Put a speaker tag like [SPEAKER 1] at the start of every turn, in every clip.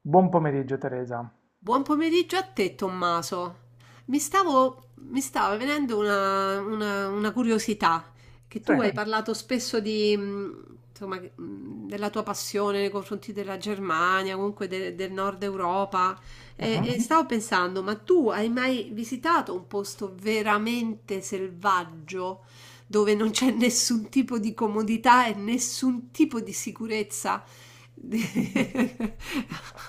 [SPEAKER 1] Buon pomeriggio, Teresa.
[SPEAKER 2] Buon pomeriggio a te, Tommaso. Mi stava venendo una curiosità, che
[SPEAKER 1] Sì.
[SPEAKER 2] tu hai parlato spesso della tua passione nei confronti della Germania, comunque del Nord Europa, e,
[SPEAKER 1] Mhm.
[SPEAKER 2] e stavo pensando, ma tu hai mai visitato un posto veramente selvaggio, dove non c'è nessun tipo di comodità e nessun tipo di sicurezza?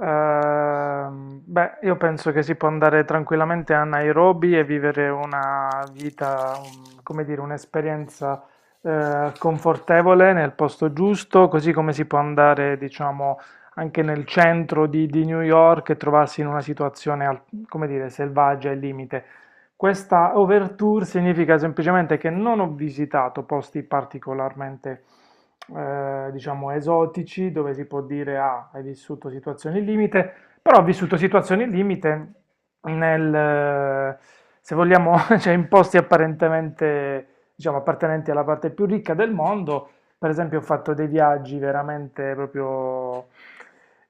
[SPEAKER 1] Beh, io penso che si può andare tranquillamente a Nairobi e vivere una vita, come dire, un'esperienza confortevole nel posto giusto, così come si può andare, diciamo, anche nel centro di New York e trovarsi in una situazione, come dire, selvaggia e limite. Questa overture significa semplicemente che non ho visitato posti particolarmente, diciamo, esotici, dove si può dire, ah, hai vissuto situazioni limite, però ho vissuto situazioni limite nel, se vogliamo, cioè in posti apparentemente, diciamo, appartenenti alla parte più ricca del mondo. Per esempio, ho fatto dei viaggi veramente proprio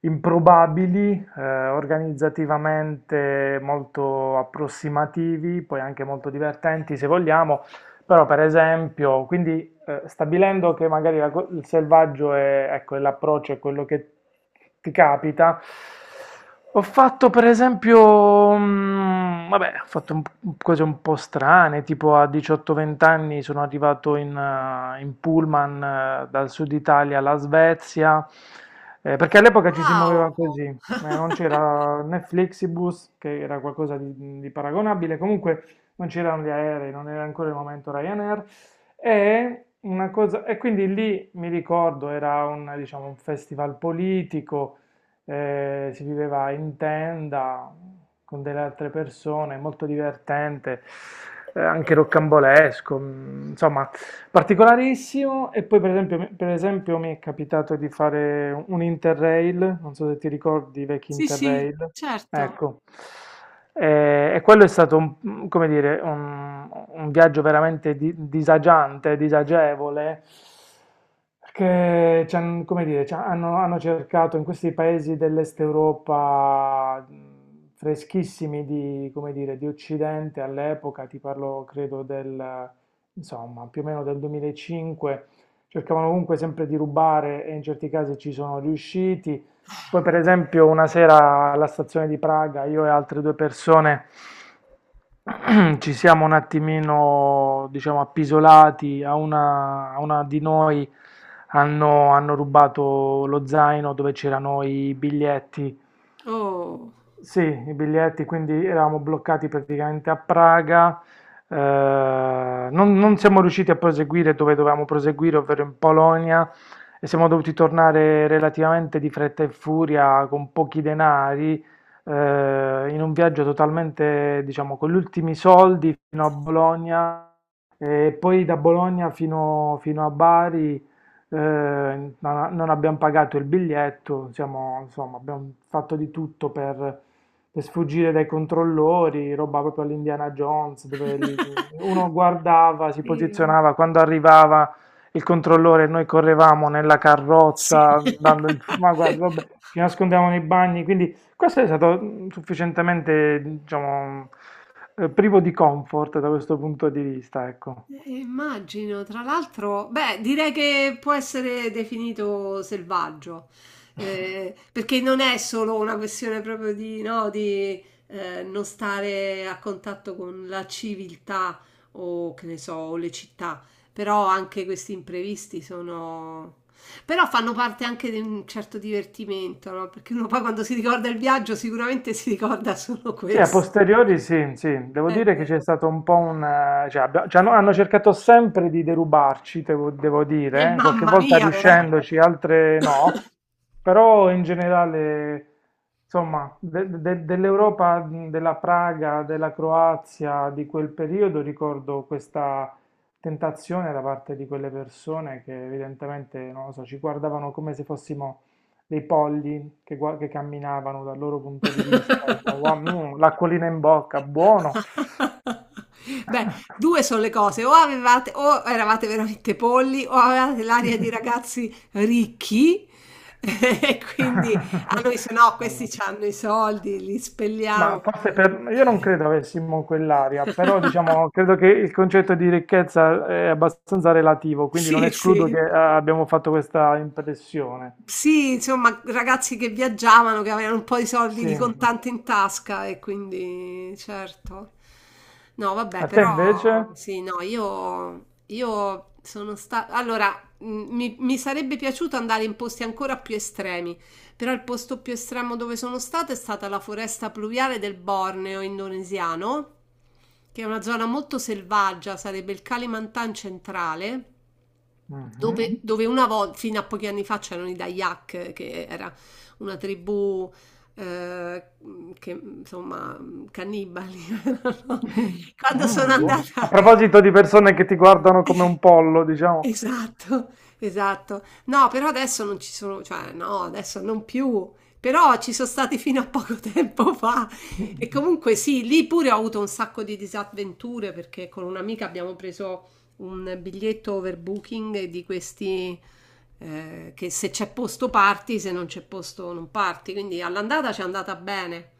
[SPEAKER 1] improbabili, organizzativamente molto approssimativi, poi anche molto divertenti se vogliamo, però per esempio, quindi stabilendo che magari il selvaggio è, ecco, è l'approccio, è quello che ti capita, ho fatto per esempio, vabbè, ho fatto cose un po' strane, tipo a 18-20 anni sono arrivato in, in pullman dal sud Italia alla Svezia, perché all'epoca ci si muoveva
[SPEAKER 2] Wow!
[SPEAKER 1] così, non c'era né Flixibus, che era qualcosa di paragonabile, comunque non c'erano gli aerei, non era ancora il momento Ryanair. E, una cosa, e quindi lì mi ricordo era un, diciamo, un festival politico, si viveva in tenda con delle altre persone, molto divertente, anche roccambolesco, insomma, particolarissimo. E poi per esempio, per esempio mi è capitato di fare un Interrail, non so se ti ricordi i vecchi
[SPEAKER 2] Sì, sì,
[SPEAKER 1] Interrail.
[SPEAKER 2] certo.
[SPEAKER 1] Ecco. E quello è stato un, come dire, un viaggio veramente disagiante, disagevole, che come dire, ci hanno cercato in questi paesi dell'Est Europa freschissimi di, come dire, di Occidente all'epoca, ti parlo credo del, insomma, più o meno del 2005, cercavano comunque sempre di rubare e in certi casi ci sono riusciti. Poi, per esempio, una sera alla stazione di Praga, io e altre due persone ci siamo un attimino, diciamo, appisolati. A una di noi hanno rubato lo zaino dove c'erano i biglietti,
[SPEAKER 2] Oh.
[SPEAKER 1] sì, i biglietti, quindi eravamo bloccati praticamente a Praga, non siamo riusciti a proseguire dove dovevamo proseguire, ovvero in Polonia, e siamo dovuti tornare relativamente di fretta e furia con pochi denari, in un viaggio totalmente, diciamo, con gli ultimi soldi fino a Bologna e poi da Bologna fino a Bari, non abbiamo pagato il biglietto, insomma, abbiamo fatto di tutto per sfuggire dai controllori, roba proprio all'Indiana Jones, dove lì uno guardava, si
[SPEAKER 2] Sì, va.
[SPEAKER 1] posizionava, quando arrivava il controllore, noi correvamo nella
[SPEAKER 2] Sì.
[SPEAKER 1] carrozza, ma guarda, vabbè, ci nascondiamo nei bagni, quindi questo è stato sufficientemente, diciamo, privo di comfort da questo punto di vista, ecco.
[SPEAKER 2] Immagino, tra l'altro, beh, direi che può essere definito selvaggio, perché non è solo una questione proprio di, no, di non stare a contatto con la civiltà o che ne so, o le città, però anche questi imprevisti sono... però fanno parte anche di un certo divertimento, no? Perché uno poi quando si ricorda il viaggio sicuramente si ricorda solo
[SPEAKER 1] Sì, a
[SPEAKER 2] questo.
[SPEAKER 1] posteriori sì, sì, devo
[SPEAKER 2] È
[SPEAKER 1] dire che c'è
[SPEAKER 2] vero.
[SPEAKER 1] stato un po' cioè, no, hanno cercato sempre di derubarci, devo
[SPEAKER 2] E
[SPEAKER 1] dire, qualche
[SPEAKER 2] mamma
[SPEAKER 1] volta
[SPEAKER 2] mia, però.
[SPEAKER 1] riuscendoci, altre no, però in generale, insomma, dell'Europa, della Praga, della Croazia di quel periodo ricordo questa tentazione da parte di quelle persone che evidentemente, non lo so, ci guardavano come se fossimo dei polli che camminavano dal loro punto di vista. E dicono, "Wow, l'acquolina in bocca, buono."
[SPEAKER 2] Beh, due sono le cose, o avevate, o eravate veramente polli, o avevate l'aria di ragazzi ricchi, e quindi a noi se no
[SPEAKER 1] Mm.
[SPEAKER 2] questi hanno i soldi, li
[SPEAKER 1] Ma
[SPEAKER 2] spelliamo.
[SPEAKER 1] forse per, io non credo avessimo quell'aria, però diciamo, credo che il concetto di ricchezza è abbastanza relativo, quindi non
[SPEAKER 2] Sì,
[SPEAKER 1] escludo
[SPEAKER 2] sì.
[SPEAKER 1] che abbiamo fatto questa impressione.
[SPEAKER 2] Sì, insomma, ragazzi che viaggiavano, che avevano un po' di soldi
[SPEAKER 1] Sì.
[SPEAKER 2] di
[SPEAKER 1] A
[SPEAKER 2] contante in tasca e quindi, certo. No, vabbè,
[SPEAKER 1] te invece?
[SPEAKER 2] però sì, no, io sono stata... Allora, mh, mi sarebbe piaciuto andare in posti ancora più estremi, però il posto più estremo dove sono stata è stata la foresta pluviale del Borneo indonesiano, che è una zona molto selvaggia, sarebbe il Kalimantan centrale.
[SPEAKER 1] Mhm.
[SPEAKER 2] Dove una volta, fino a pochi anni fa, c'erano i Dayak, che era una tribù, eh, che insomma cannibali. No? Quando sono
[SPEAKER 1] A
[SPEAKER 2] andata.
[SPEAKER 1] proposito di persone che ti guardano come un pollo, diciamo.
[SPEAKER 2] Esatto, esatto. No, però adesso non ci sono, cioè no, adesso non più, però ci sono stati fino a poco tempo fa.
[SPEAKER 1] Mm,
[SPEAKER 2] E comunque sì, lì pure ho avuto un sacco di disavventure perché con un'amica abbiamo preso un biglietto overbooking di questi, che se c'è posto parti, se non c'è posto non parti. Quindi all'andata ci è andata bene,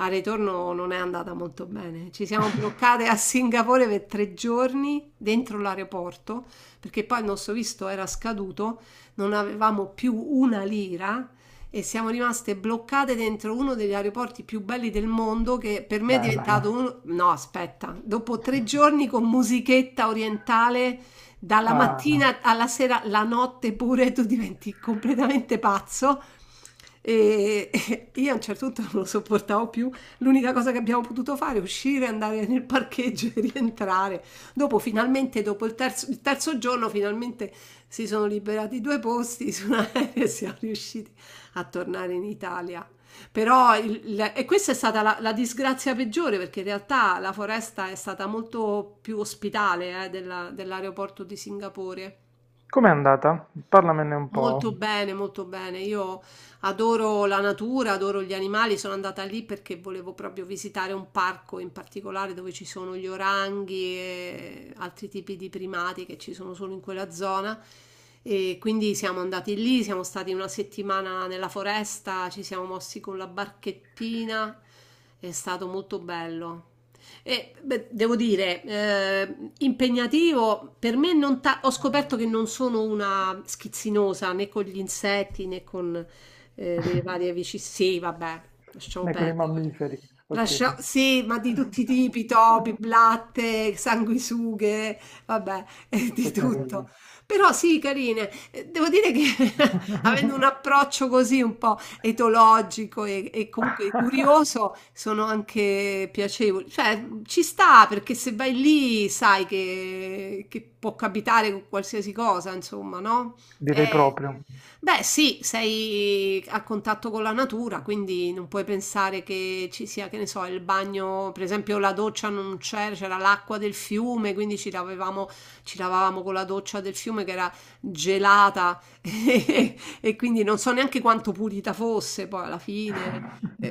[SPEAKER 2] al ritorno non è andata molto bene. Ci siamo bloccate a Singapore per tre giorni dentro l'aeroporto perché poi il nostro visto era scaduto, non avevamo più una lira. E siamo rimaste bloccate dentro uno degli aeroporti più belli del mondo che per me è
[SPEAKER 1] bello.
[SPEAKER 2] diventato uno... No, aspetta, dopo tre giorni con musichetta orientale dalla
[SPEAKER 1] Ah,
[SPEAKER 2] mattina alla sera, la notte pure, tu diventi completamente pazzo. E io a un certo punto non lo sopportavo più. L'unica cosa che abbiamo potuto fare è uscire, andare nel parcheggio e rientrare. Dopo, finalmente, dopo il terzo giorno, finalmente si sono liberati due posti su un aereo e siamo riusciti a tornare in Italia. Però e questa è stata la disgrazia peggiore perché in realtà la foresta è stata molto più ospitale dell'aeroporto di Singapore.
[SPEAKER 1] com'è andata? Parlamene un po'.
[SPEAKER 2] Molto bene, molto bene. Io adoro la natura, adoro gli animali. Sono andata lì perché volevo proprio visitare un parco in particolare dove ci sono gli oranghi e altri tipi di primati che ci sono solo in quella zona. E quindi siamo andati lì, siamo stati una settimana nella foresta, ci siamo mossi con la barchettina. È stato molto bello. E, beh, devo dire, impegnativo, per me non ta- ho scoperto che non sono una schizzinosa né con gli insetti né con le varie vicine. Sì, vabbè, lasciamo
[SPEAKER 1] Né con i
[SPEAKER 2] perdere.
[SPEAKER 1] mammiferi, ok.
[SPEAKER 2] Lascia- Sì, ma di tutti i tipi, topi, blatte, sanguisughe, vabbè, di
[SPEAKER 1] Che
[SPEAKER 2] tutto.
[SPEAKER 1] carini.
[SPEAKER 2] Però sì, carine. Devo dire che avendo un approccio così un po' etologico e comunque curioso sono anche piacevoli. Cioè, ci sta perché se vai lì sai che può capitare qualsiasi cosa, insomma, no?
[SPEAKER 1] Direi
[SPEAKER 2] Eh,
[SPEAKER 1] proprio.
[SPEAKER 2] Beh, sì, sei a contatto con la natura, quindi non puoi pensare che ci sia, che ne so, il bagno, per esempio la doccia non c'era, c'era l'acqua del fiume, quindi ci lavavamo con la doccia del fiume che era gelata e, quindi non so neanche quanto pulita fosse poi alla fine. Mm.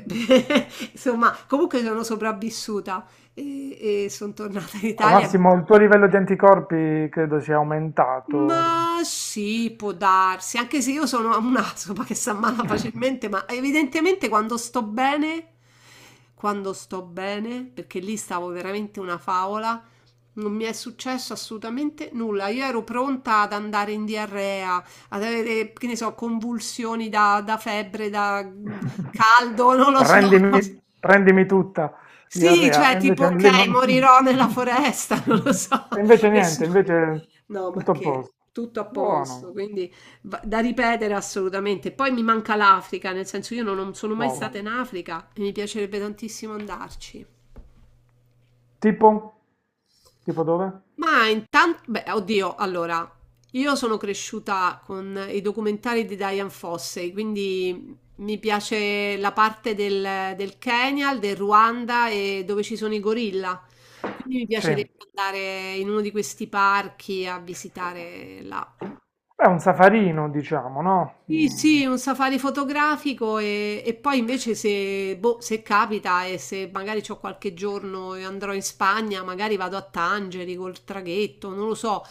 [SPEAKER 2] Insomma, comunque sono sopravvissuta e sono tornata in
[SPEAKER 1] Al
[SPEAKER 2] Italia.
[SPEAKER 1] massimo il tuo livello di anticorpi credo sia aumentato.
[SPEAKER 2] Ma sì, può darsi, anche se io sono un'aspa che si ammala facilmente, ma evidentemente quando sto bene, perché lì stavo veramente una favola, non mi è successo assolutamente nulla. Io ero pronta ad andare in diarrea, ad avere, che ne so, convulsioni da febbre, da caldo, non lo so.
[SPEAKER 1] Prendimi, prendimi tutta,
[SPEAKER 2] Sì,
[SPEAKER 1] diarrea.
[SPEAKER 2] cioè
[SPEAKER 1] E
[SPEAKER 2] tipo:
[SPEAKER 1] invece lì
[SPEAKER 2] "Okay,
[SPEAKER 1] non.
[SPEAKER 2] morirò nella foresta", non lo so,
[SPEAKER 1] E invece niente,
[SPEAKER 2] nessuno
[SPEAKER 1] invece
[SPEAKER 2] no, ma
[SPEAKER 1] tutto a
[SPEAKER 2] che,
[SPEAKER 1] posto.
[SPEAKER 2] tutto a posto,
[SPEAKER 1] Buono,
[SPEAKER 2] quindi va da ripetere assolutamente. Poi mi manca l'Africa, nel senso io no non sono mai
[SPEAKER 1] wow.
[SPEAKER 2] stata in Africa e mi piacerebbe tantissimo andarci.
[SPEAKER 1] Tipo? Tipo dove?
[SPEAKER 2] Ma intanto, beh, oddio, allora, io sono cresciuta con i documentari di Diane Fossey, quindi mi piace la parte del Kenya, del Ruanda e dove ci sono i gorilla. Quindi mi
[SPEAKER 1] Sì, è
[SPEAKER 2] piacerebbe andare in uno di questi parchi a visitare là.
[SPEAKER 1] un safarino, diciamo, no?
[SPEAKER 2] Sì,
[SPEAKER 1] Mm,
[SPEAKER 2] sì, un safari fotografico e poi invece se, boh, se capita e se magari ho qualche giorno e andrò in Spagna, magari vado a Tangeri col traghetto, non lo so,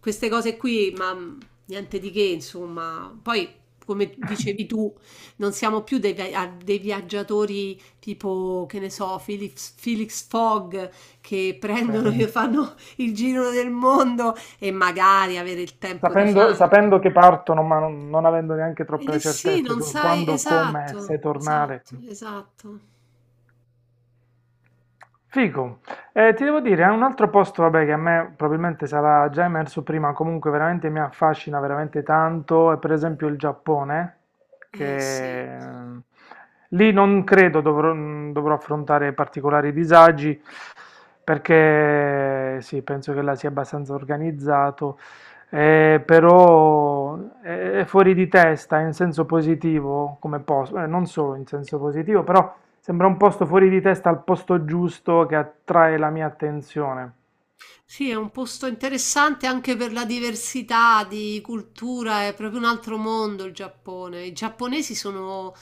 [SPEAKER 2] queste cose qui, ma niente di che, insomma. Poi, come dicevi tu, non siamo più dei, dei viaggiatori tipo, che ne so, Felix, Felix Fogg che
[SPEAKER 1] sì.
[SPEAKER 2] prendono e fanno il giro del mondo e magari avere il tempo di
[SPEAKER 1] Sapendo,
[SPEAKER 2] farlo.
[SPEAKER 1] sapendo che partono, ma non avendo neanche
[SPEAKER 2] Eh
[SPEAKER 1] troppe
[SPEAKER 2] sì,
[SPEAKER 1] certezze
[SPEAKER 2] non
[SPEAKER 1] sul
[SPEAKER 2] sai,
[SPEAKER 1] quando, come e se
[SPEAKER 2] esatto,
[SPEAKER 1] tornare.
[SPEAKER 2] esatto, esatto.
[SPEAKER 1] Figo. Ti devo dire, è un altro posto, vabbè, che a me probabilmente sarà già emerso prima, comunque veramente mi affascina veramente tanto, è per esempio il Giappone,
[SPEAKER 2] Eh sì.
[SPEAKER 1] che lì non credo dovrò affrontare particolari disagi, perché sì, penso che là sia abbastanza organizzato, però è fuori di testa in senso positivo come posto, non solo in senso positivo, però. Sembra un posto fuori di testa al posto giusto che attrae la mia attenzione.
[SPEAKER 2] Sì, è un posto interessante anche per la diversità di cultura, è proprio un altro mondo il Giappone. I giapponesi sono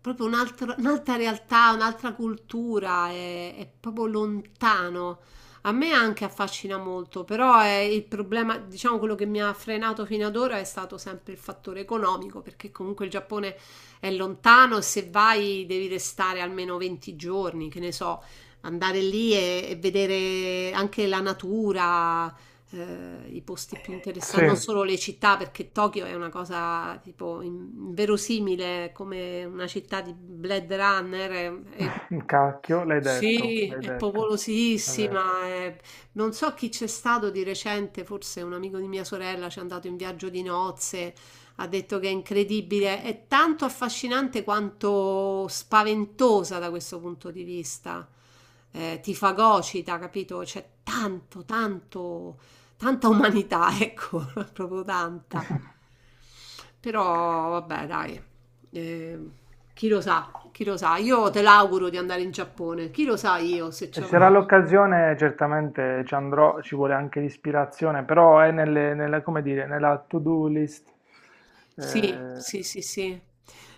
[SPEAKER 2] proprio un'altra realtà, un'altra cultura, è proprio lontano. A me anche affascina molto, però è il problema, diciamo quello che mi ha frenato fino ad ora è stato sempre il fattore economico, perché comunque il Giappone è lontano e se vai devi restare almeno 20 giorni, che ne so, andare lì e vedere anche la natura, i posti più interessanti,
[SPEAKER 1] Sì,
[SPEAKER 2] non solo le città, perché Tokyo è una cosa tipo inverosimile come una città di Blade Runner. È-
[SPEAKER 1] cacchio,
[SPEAKER 2] sì,
[SPEAKER 1] l'hai
[SPEAKER 2] è
[SPEAKER 1] detto, è vero.
[SPEAKER 2] popolosissima. È- non so chi c'è stato di recente, forse un amico di mia sorella ci è andato in viaggio di nozze, ha detto che è incredibile, è tanto affascinante quanto spaventosa da questo punto di vista. Ti fagocita, capito? C'è tanto, tanto, tanta umanità, ecco, proprio tanta. Però vabbè, dai, eh, chi lo sa, chi lo sa. Io te l'auguro di andare in Giappone, chi lo sa io se
[SPEAKER 1] Se
[SPEAKER 2] ci
[SPEAKER 1] ci sarà
[SPEAKER 2] avrò
[SPEAKER 1] l'occasione, certamente ci andrò, ci vuole anche l'ispirazione, però è nelle, nella, come dire, nella to-do list.
[SPEAKER 2] sì,
[SPEAKER 1] Eh,
[SPEAKER 2] sì, sì, sì,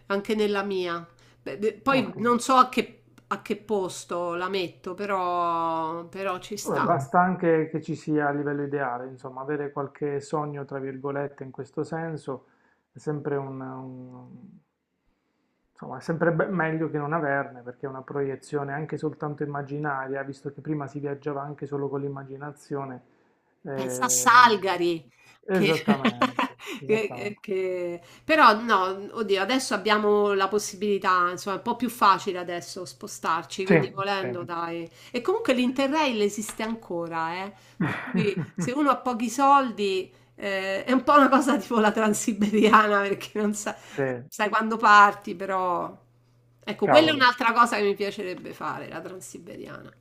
[SPEAKER 2] anche nella mia. Beh, de- poi
[SPEAKER 1] ottimo.
[SPEAKER 2] non so a che posto la metto, però, però ci
[SPEAKER 1] Vabbè,
[SPEAKER 2] sta.
[SPEAKER 1] basta anche che ci sia a livello ideale, insomma, avere qualche sogno, tra virgolette, in questo senso è sempre un, insomma, è sempre meglio che non averne, perché è una proiezione anche soltanto immaginaria, visto che prima si viaggiava anche solo con l'immaginazione.
[SPEAKER 2] Pensa a
[SPEAKER 1] eh,
[SPEAKER 2] Salgari, che,
[SPEAKER 1] esattamente, esattamente.
[SPEAKER 2] però no, oddio, adesso abbiamo la possibilità, insomma, è un po' più facile adesso spostarci,
[SPEAKER 1] Sì,
[SPEAKER 2] quindi
[SPEAKER 1] sì.
[SPEAKER 2] volendo, dai. E comunque l'Interrail esiste ancora, eh? Per cui se uno ha pochi soldi... è un po' una cosa tipo la transiberiana perché non sai
[SPEAKER 1] Sì,
[SPEAKER 2] quando parti, però. Ecco, quella è
[SPEAKER 1] cavolo.
[SPEAKER 2] un'altra cosa che mi piacerebbe fare, la Transiberiana.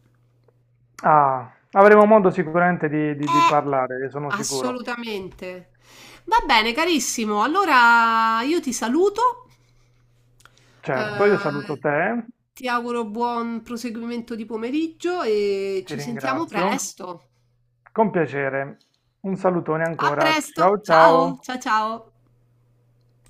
[SPEAKER 1] Ah, avremo modo sicuramente di
[SPEAKER 2] Eh,
[SPEAKER 1] parlare, ne sono sicuro.
[SPEAKER 2] Assolutamente. Va bene, carissimo. Allora io ti saluto.
[SPEAKER 1] Certo, io saluto
[SPEAKER 2] Eh,
[SPEAKER 1] te,
[SPEAKER 2] ti auguro buon proseguimento di pomeriggio e
[SPEAKER 1] ti
[SPEAKER 2] ci sentiamo
[SPEAKER 1] ringrazio.
[SPEAKER 2] presto.
[SPEAKER 1] Con piacere. Un salutone
[SPEAKER 2] A
[SPEAKER 1] ancora.
[SPEAKER 2] presto.
[SPEAKER 1] Ciao
[SPEAKER 2] Ciao,
[SPEAKER 1] ciao.
[SPEAKER 2] ciao, ciao.